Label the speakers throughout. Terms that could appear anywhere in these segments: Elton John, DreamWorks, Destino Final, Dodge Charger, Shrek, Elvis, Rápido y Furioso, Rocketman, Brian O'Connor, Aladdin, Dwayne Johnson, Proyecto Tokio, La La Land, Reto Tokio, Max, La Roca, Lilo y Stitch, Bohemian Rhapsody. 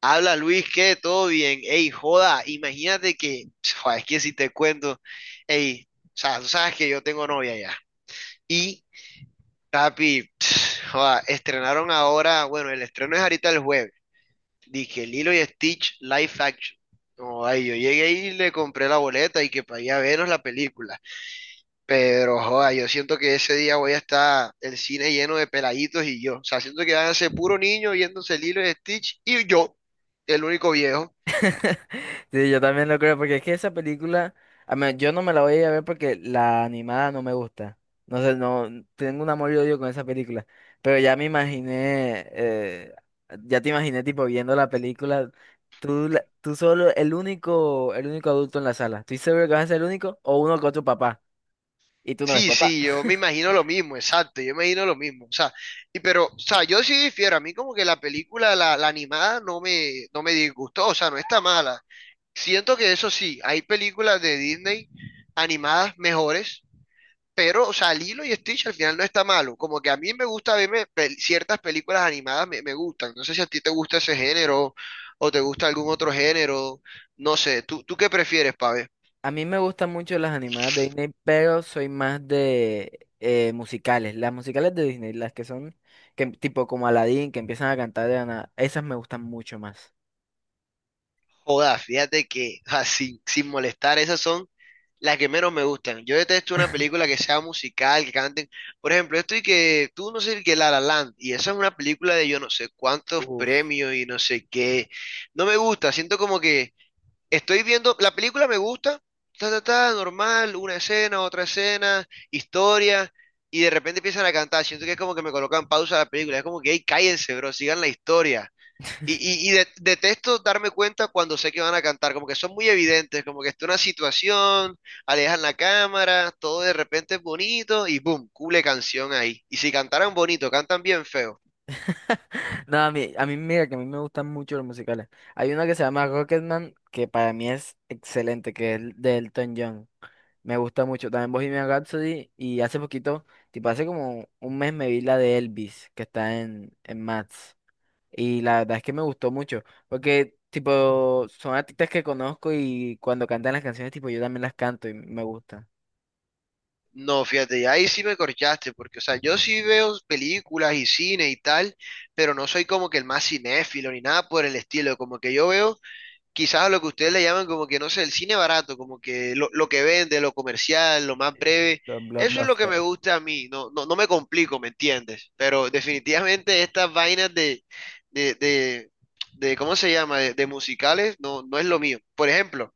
Speaker 1: Habla Luis, ¿qué? Todo bien. Ey, joda, imagínate que. Joda, es que si te cuento, ey, o sea, tú sabes que yo tengo novia ya. Y papi, joda, estrenaron ahora, bueno, el estreno es ahorita el jueves. Dije Lilo y Stitch Live Action. Joda, y yo llegué y le compré la boleta y que para ir a vernos la película. Pero, joda, yo siento que ese día voy a estar el cine lleno de peladitos y yo. O sea, siento que van a ser puro niño viéndose Lilo y Stitch y yo, el único viejo.
Speaker 2: Sí, yo también lo creo, porque es que esa película, yo no me la voy a ir a ver porque la animada no me gusta. No sé, no, tengo un amor y odio con esa película. Pero ya me imaginé, ya te imaginé tipo viendo la película, tú solo, el único adulto en la sala. ¿Estoy seguro que vas a ser el único o uno con tu papá? Y tú no ves
Speaker 1: Sí,
Speaker 2: papá.
Speaker 1: sí, yo me imagino lo mismo, exacto, yo me imagino lo mismo, o sea, y pero, o sea, yo sí difiero, a mí como que la película, la animada, no me disgustó, o sea, no está mala. Siento que eso sí, hay películas de Disney animadas mejores, pero, o sea, Lilo y Stitch al final no está malo, como que a mí me gusta verme ciertas películas animadas, me gustan, no sé si a ti te gusta ese género o te gusta algún otro género, no sé, ¿tú qué prefieres, Pabé?
Speaker 2: A mí me gustan mucho las animadas de Disney, pero soy más de musicales. Las musicales de Disney, las que son tipo como Aladdin, que empiezan a cantar de la nada, esas me gustan mucho más.
Speaker 1: Joda, fíjate que, o sea, sin molestar, esas son las que menos me gustan. Yo detesto una película que sea musical, que canten. Por ejemplo, esto y que tú no sé qué La La Land, y esa es una película de yo no sé cuántos
Speaker 2: Uf.
Speaker 1: premios y no sé qué. No me gusta, siento como que estoy viendo, la película me gusta, ta, ta, ta, normal, una escena, otra escena, historia, y de repente empiezan a cantar. Siento que es como que me colocan pausa a la película, es como que, hey, cállense, bro, sigan la historia. Y detesto darme cuenta cuando sé que van a cantar, como que son muy evidentes, como que está una situación, alejan la cámara, todo de repente es bonito y boom, cule canción ahí. Y si cantaran bonito, cantan bien feo.
Speaker 2: No, a mí mira que a mí me gustan mucho los musicales. Hay una que se llama Rocketman, que para mí es excelente, que es de Elton John. Me gusta mucho. También Bohemian Rhapsody y hace poquito, tipo hace como un mes me vi la de Elvis, que está en Max. Y la verdad es que me gustó mucho, porque tipo son artistas que conozco y cuando cantan las canciones, tipo yo también las canto y me gustan.
Speaker 1: No, fíjate, y ahí sí me corchaste, porque, o sea, yo sí veo películas y cine y tal, pero no soy como que el más cinéfilo ni nada por el estilo, como que yo veo quizás a lo que ustedes le llaman como que, no sé, el cine barato, como que lo que vende, lo comercial, lo más breve.
Speaker 2: Los
Speaker 1: Eso es lo que me
Speaker 2: Blockbuster.
Speaker 1: gusta a mí, no me complico, ¿me entiendes? Pero definitivamente estas vainas de, de, de ¿cómo se llama? De musicales, no es lo mío. Por ejemplo,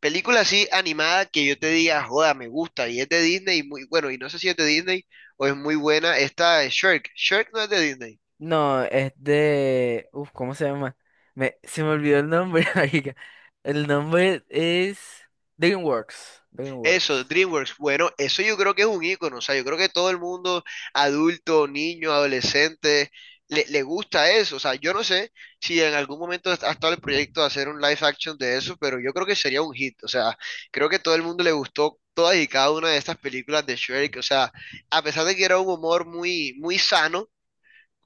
Speaker 1: película así animada que yo te diga, joda, me gusta, y es de Disney, y muy, bueno, y no sé si es de Disney o es muy buena, esta de Shrek. Shrek no es de Disney.
Speaker 2: No, es de... Uf, ¿cómo se llama? Me... Se me olvidó el nombre, marica. El nombre es... DreamWorks. DreamWorks.
Speaker 1: Eso, DreamWorks. Bueno, eso yo creo que es un icono. O sea, yo creo que todo el mundo, adulto, niño, adolescente, le gusta eso. O sea, yo no sé si en algún momento ha estado el proyecto de hacer un live action de eso, pero yo creo que sería un hit. O sea, creo que todo el mundo le gustó todas y cada una de estas películas de Shrek. O sea, a pesar de que era un humor muy, muy sano,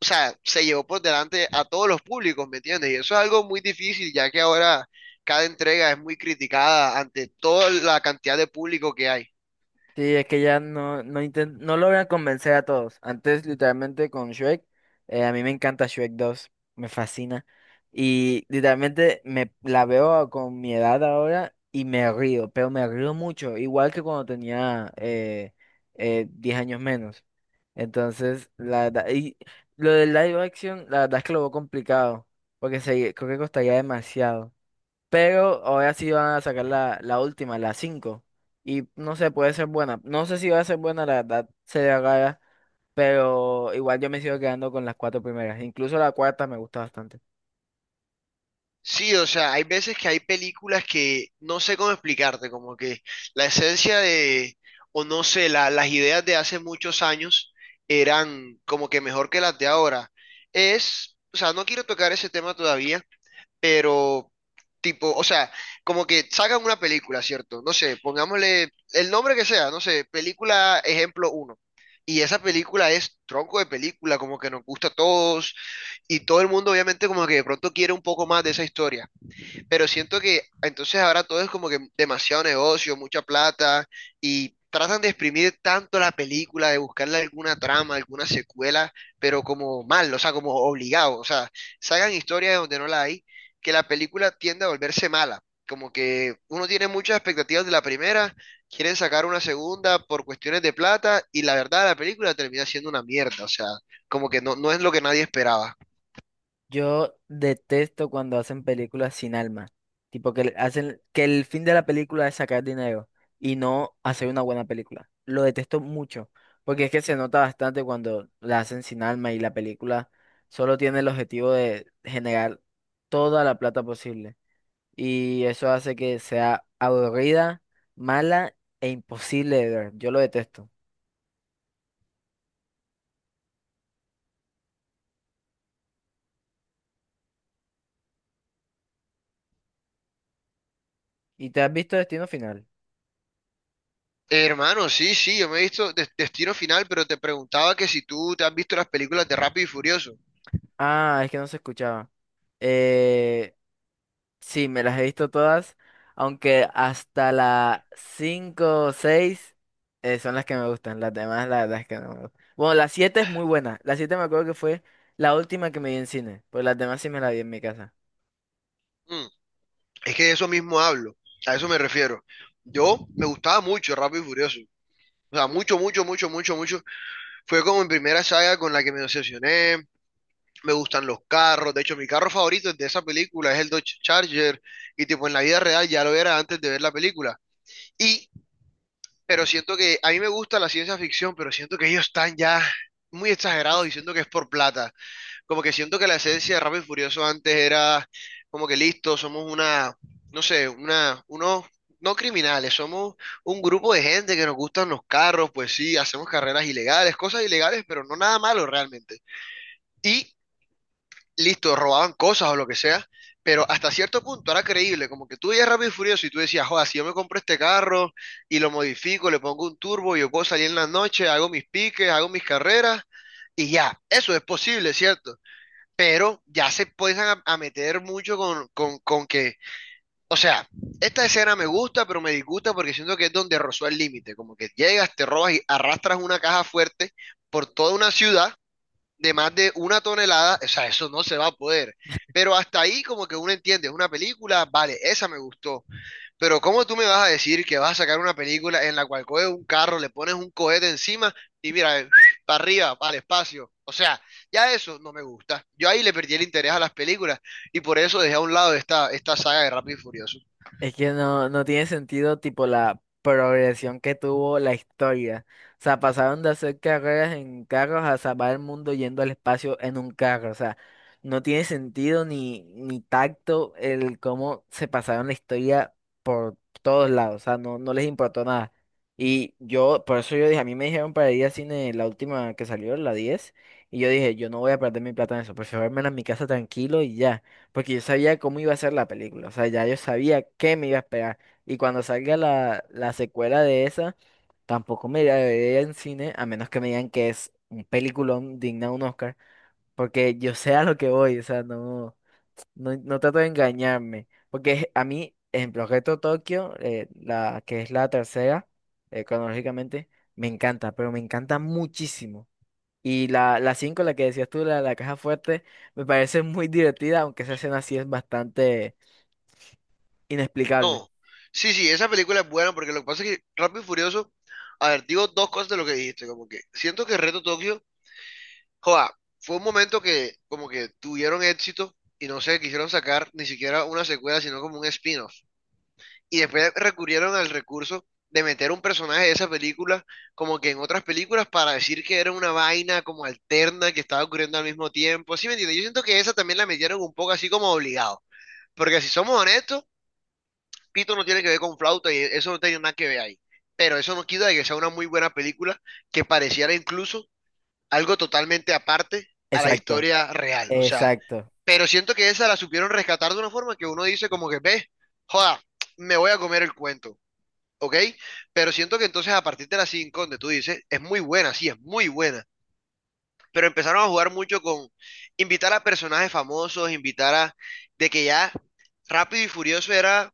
Speaker 1: o sea, se llevó por delante a todos los públicos, ¿me entiendes? Y eso es algo muy difícil, ya que ahora cada entrega es muy criticada ante toda la cantidad de público que hay.
Speaker 2: Sí, es que ya no logran convencer a todos. Antes, literalmente, con Shrek, a mí me encanta Shrek 2, me fascina. Y literalmente me la veo con mi edad ahora y me río, pero me río mucho, igual que cuando tenía 10 años menos. Entonces, la verdad, y lo del live action, la verdad es que lo veo complicado, porque se, creo que costaría demasiado. Pero ahora sí van a sacar la última, la cinco. Y no sé, puede ser buena. No sé si va a ser buena, la verdad sería rara. Pero igual yo me sigo quedando con las cuatro primeras. Incluso la cuarta me gusta bastante.
Speaker 1: Sí, o sea, hay veces que hay películas que no sé cómo explicarte, como que la esencia de, o no sé, las ideas de hace muchos años eran como que mejor que las de ahora. Es, o sea, no quiero tocar ese tema todavía, pero tipo, o sea, como que sacan una película, ¿cierto? No sé, pongámosle el nombre que sea, no sé, película ejemplo uno. Y esa película es tronco de película, como que nos gusta a todos y todo el mundo obviamente como que de pronto quiere un poco más de esa historia, pero siento que entonces ahora todo es como que demasiado negocio, mucha plata, y tratan de exprimir tanto la película, de buscarle alguna trama, alguna secuela, pero como mal, o sea, como obligado, o sea, sacan historias de donde no la hay, que la película tiende a volverse mala. Como que uno tiene muchas expectativas de la primera, quieren sacar una segunda por cuestiones de plata y la verdad la película termina siendo una mierda, o sea, como que no es lo que nadie esperaba.
Speaker 2: Yo detesto cuando hacen películas sin alma. Tipo que hacen que el fin de la película es sacar dinero y no hacer una buena película. Lo detesto mucho, porque es que se nota bastante cuando la hacen sin alma y la película solo tiene el objetivo de generar toda la plata posible. Y eso hace que sea aburrida, mala e imposible de ver. Yo lo detesto. ¿Y te has visto Destino Final?
Speaker 1: Hermano, sí, sí, yo me he visto Destino Final, pero te preguntaba que si tú te has visto las películas de Rápido y Furioso.
Speaker 2: Ah, es que no se escuchaba. Eh, Sí, me las he visto todas, aunque hasta la 5 o 6 son las que me gustan, las demás la verdad es que no me gustan. Bueno, la 7 es muy buena, la 7 me acuerdo que fue la última que me vi en cine, pues las demás sí me las vi en mi casa.
Speaker 1: Mm, es que de eso mismo hablo, a eso me refiero. Yo me gustaba mucho Rápido y Furioso. O sea, mucho, mucho, mucho, mucho, mucho. Fue como mi primera saga con la que me obsesioné. Me gustan los carros. De hecho, mi carro favorito de esa película es el Dodge Charger. Y tipo, en la vida real ya lo era antes de ver la película. Y pero siento que a mí me gusta la ciencia ficción, pero siento que ellos están ya muy exagerados y siento que es por plata. Como que siento que la esencia de Rápido y Furioso antes era como que listo, somos una, no sé, unos, no criminales, somos un grupo de gente que nos gustan los carros, pues sí, hacemos carreras ilegales, cosas ilegales, pero no nada malo realmente. Y listo, robaban cosas o lo que sea, pero hasta cierto punto era creíble, como que tú veías Rápido y Furioso y tú decías, joder, si yo me compro este carro y lo modifico, le pongo un turbo, yo puedo salir en la noche, hago mis piques, hago mis carreras. Y ya, eso es posible, ¿cierto? Pero ya se empiezan a meter mucho con que, o sea, esta escena me gusta, pero me disgusta porque siento que es donde rozó el límite, como que llegas, te robas y arrastras una caja fuerte por toda una ciudad de más de una tonelada, o sea, eso no se va a poder. Pero hasta ahí como que uno entiende, es una película, vale, esa me gustó, pero ¿cómo tú me vas a decir que vas a sacar una película en la cual coges un carro, le pones un cohete encima y mira, para arriba, para el espacio? O sea, ya eso no me gusta. Yo ahí le perdí el interés a las películas y por eso dejé a un lado esta saga de Rápido y Furioso.
Speaker 2: Es que no tiene sentido tipo la progresión que tuvo la historia. O sea, pasaron de hacer carreras en carros a salvar el mundo yendo al espacio en un carro, o sea, no tiene sentido ni tacto el cómo se pasaron la historia todos lados, o sea, no les importó nada. Y yo, por eso yo dije, a mí me dijeron para ir al cine la última que salió, la 10 y yo dije, yo no voy a perder mi plata en eso, prefiero verme en mi casa tranquilo y ya, porque yo sabía cómo iba a ser la película, o sea, ya yo sabía qué me iba a esperar. Y cuando salga la secuela de esa, tampoco me iré a ver en cine, a menos que me digan que es un peliculón digna de un Oscar. Porque yo sé a lo que voy, o sea, no trato de engañarme. Porque a mí, en Proyecto Tokio, que es la tercera, cronológicamente, me encanta, pero me encanta muchísimo. Y la 5 la que decías tú, la caja fuerte, me parece muy divertida, aunque esa escena sí es bastante inexplicable.
Speaker 1: No, sí, sí, esa película es buena porque lo que pasa es que Rápido y Furioso, a ver, digo dos cosas de lo que dijiste, como que siento que Reto Tokio, joa, fue un momento que como que tuvieron éxito y no se quisieron sacar ni siquiera una secuela, sino como un spin-off. Y después recurrieron al recurso de meter un personaje de esa película como que en otras películas para decir que era una vaina como alterna que estaba ocurriendo al mismo tiempo. ¿Sí me entiendes? Yo siento que esa también la metieron un poco así como obligado. Porque si somos honestos, Pito no tiene que ver con flauta y eso no tiene nada que ver ahí. Pero eso no quita de que sea una muy buena película que pareciera incluso algo totalmente aparte a la
Speaker 2: Exacto,
Speaker 1: historia real. O sea,
Speaker 2: exacto.
Speaker 1: pero siento que esa la supieron rescatar de una forma que uno dice como que, ve, joda, me voy a comer el cuento. ¿Ok? Pero siento que entonces a partir de las 5 donde tú dices, es muy buena, sí, es muy buena, pero empezaron a jugar mucho con invitar a personajes famosos, invitar a, de que ya Rápido y Furioso era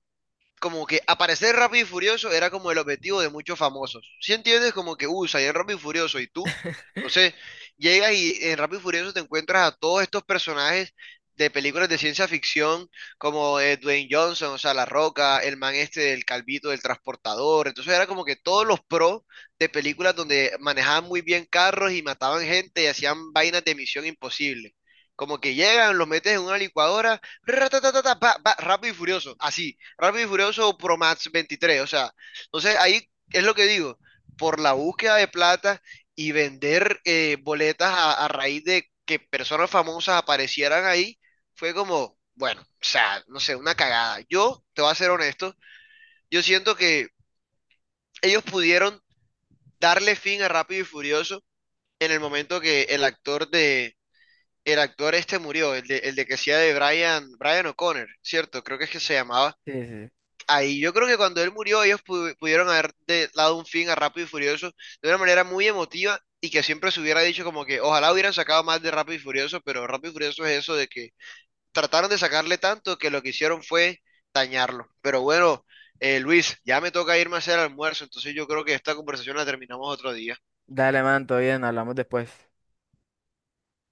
Speaker 1: como que aparecer rápido y furioso era como el objetivo de muchos famosos. Si entiendes, como que usa y en rápido y furioso y tú. Entonces, llegas y en Rápido y Furioso te encuentras a todos estos personajes de películas de ciencia ficción, como Dwayne Johnson, o sea, La Roca, el man este del Calvito, del transportador. Entonces, era como que todos los pros de películas donde manejaban muy bien carros y mataban gente y hacían vainas de misión imposible. Como que llegan, los metes en una licuadora, ratatatata, pa, pa, Rápido y Furioso, así, Rápido y Furioso o Pro Max 23, o sea, entonces ahí es lo que digo, por la búsqueda de plata y vender boletas a raíz de que personas famosas aparecieran ahí, fue como, bueno, o sea, no sé, una cagada. Yo, te voy a ser honesto, yo siento que ellos pudieron darle fin a Rápido y Furioso en el momento que el actor de, el actor este murió, el de, que hacía de Brian, Brian O'Connor, ¿cierto? Creo que es que se llamaba,
Speaker 2: Sí, sí. Sí.
Speaker 1: ahí yo creo que cuando él murió, ellos pudieron dado un fin a Rápido y Furioso de una manera muy emotiva y que siempre se hubiera dicho como que ojalá hubieran sacado más de Rápido y Furioso, pero Rápido y Furioso es eso de que trataron de sacarle tanto que lo que hicieron fue dañarlo. Pero bueno, Luis, ya me toca irme a hacer almuerzo, entonces yo creo que esta conversación la terminamos otro día.
Speaker 2: Dale, man, todo bien, hablamos después.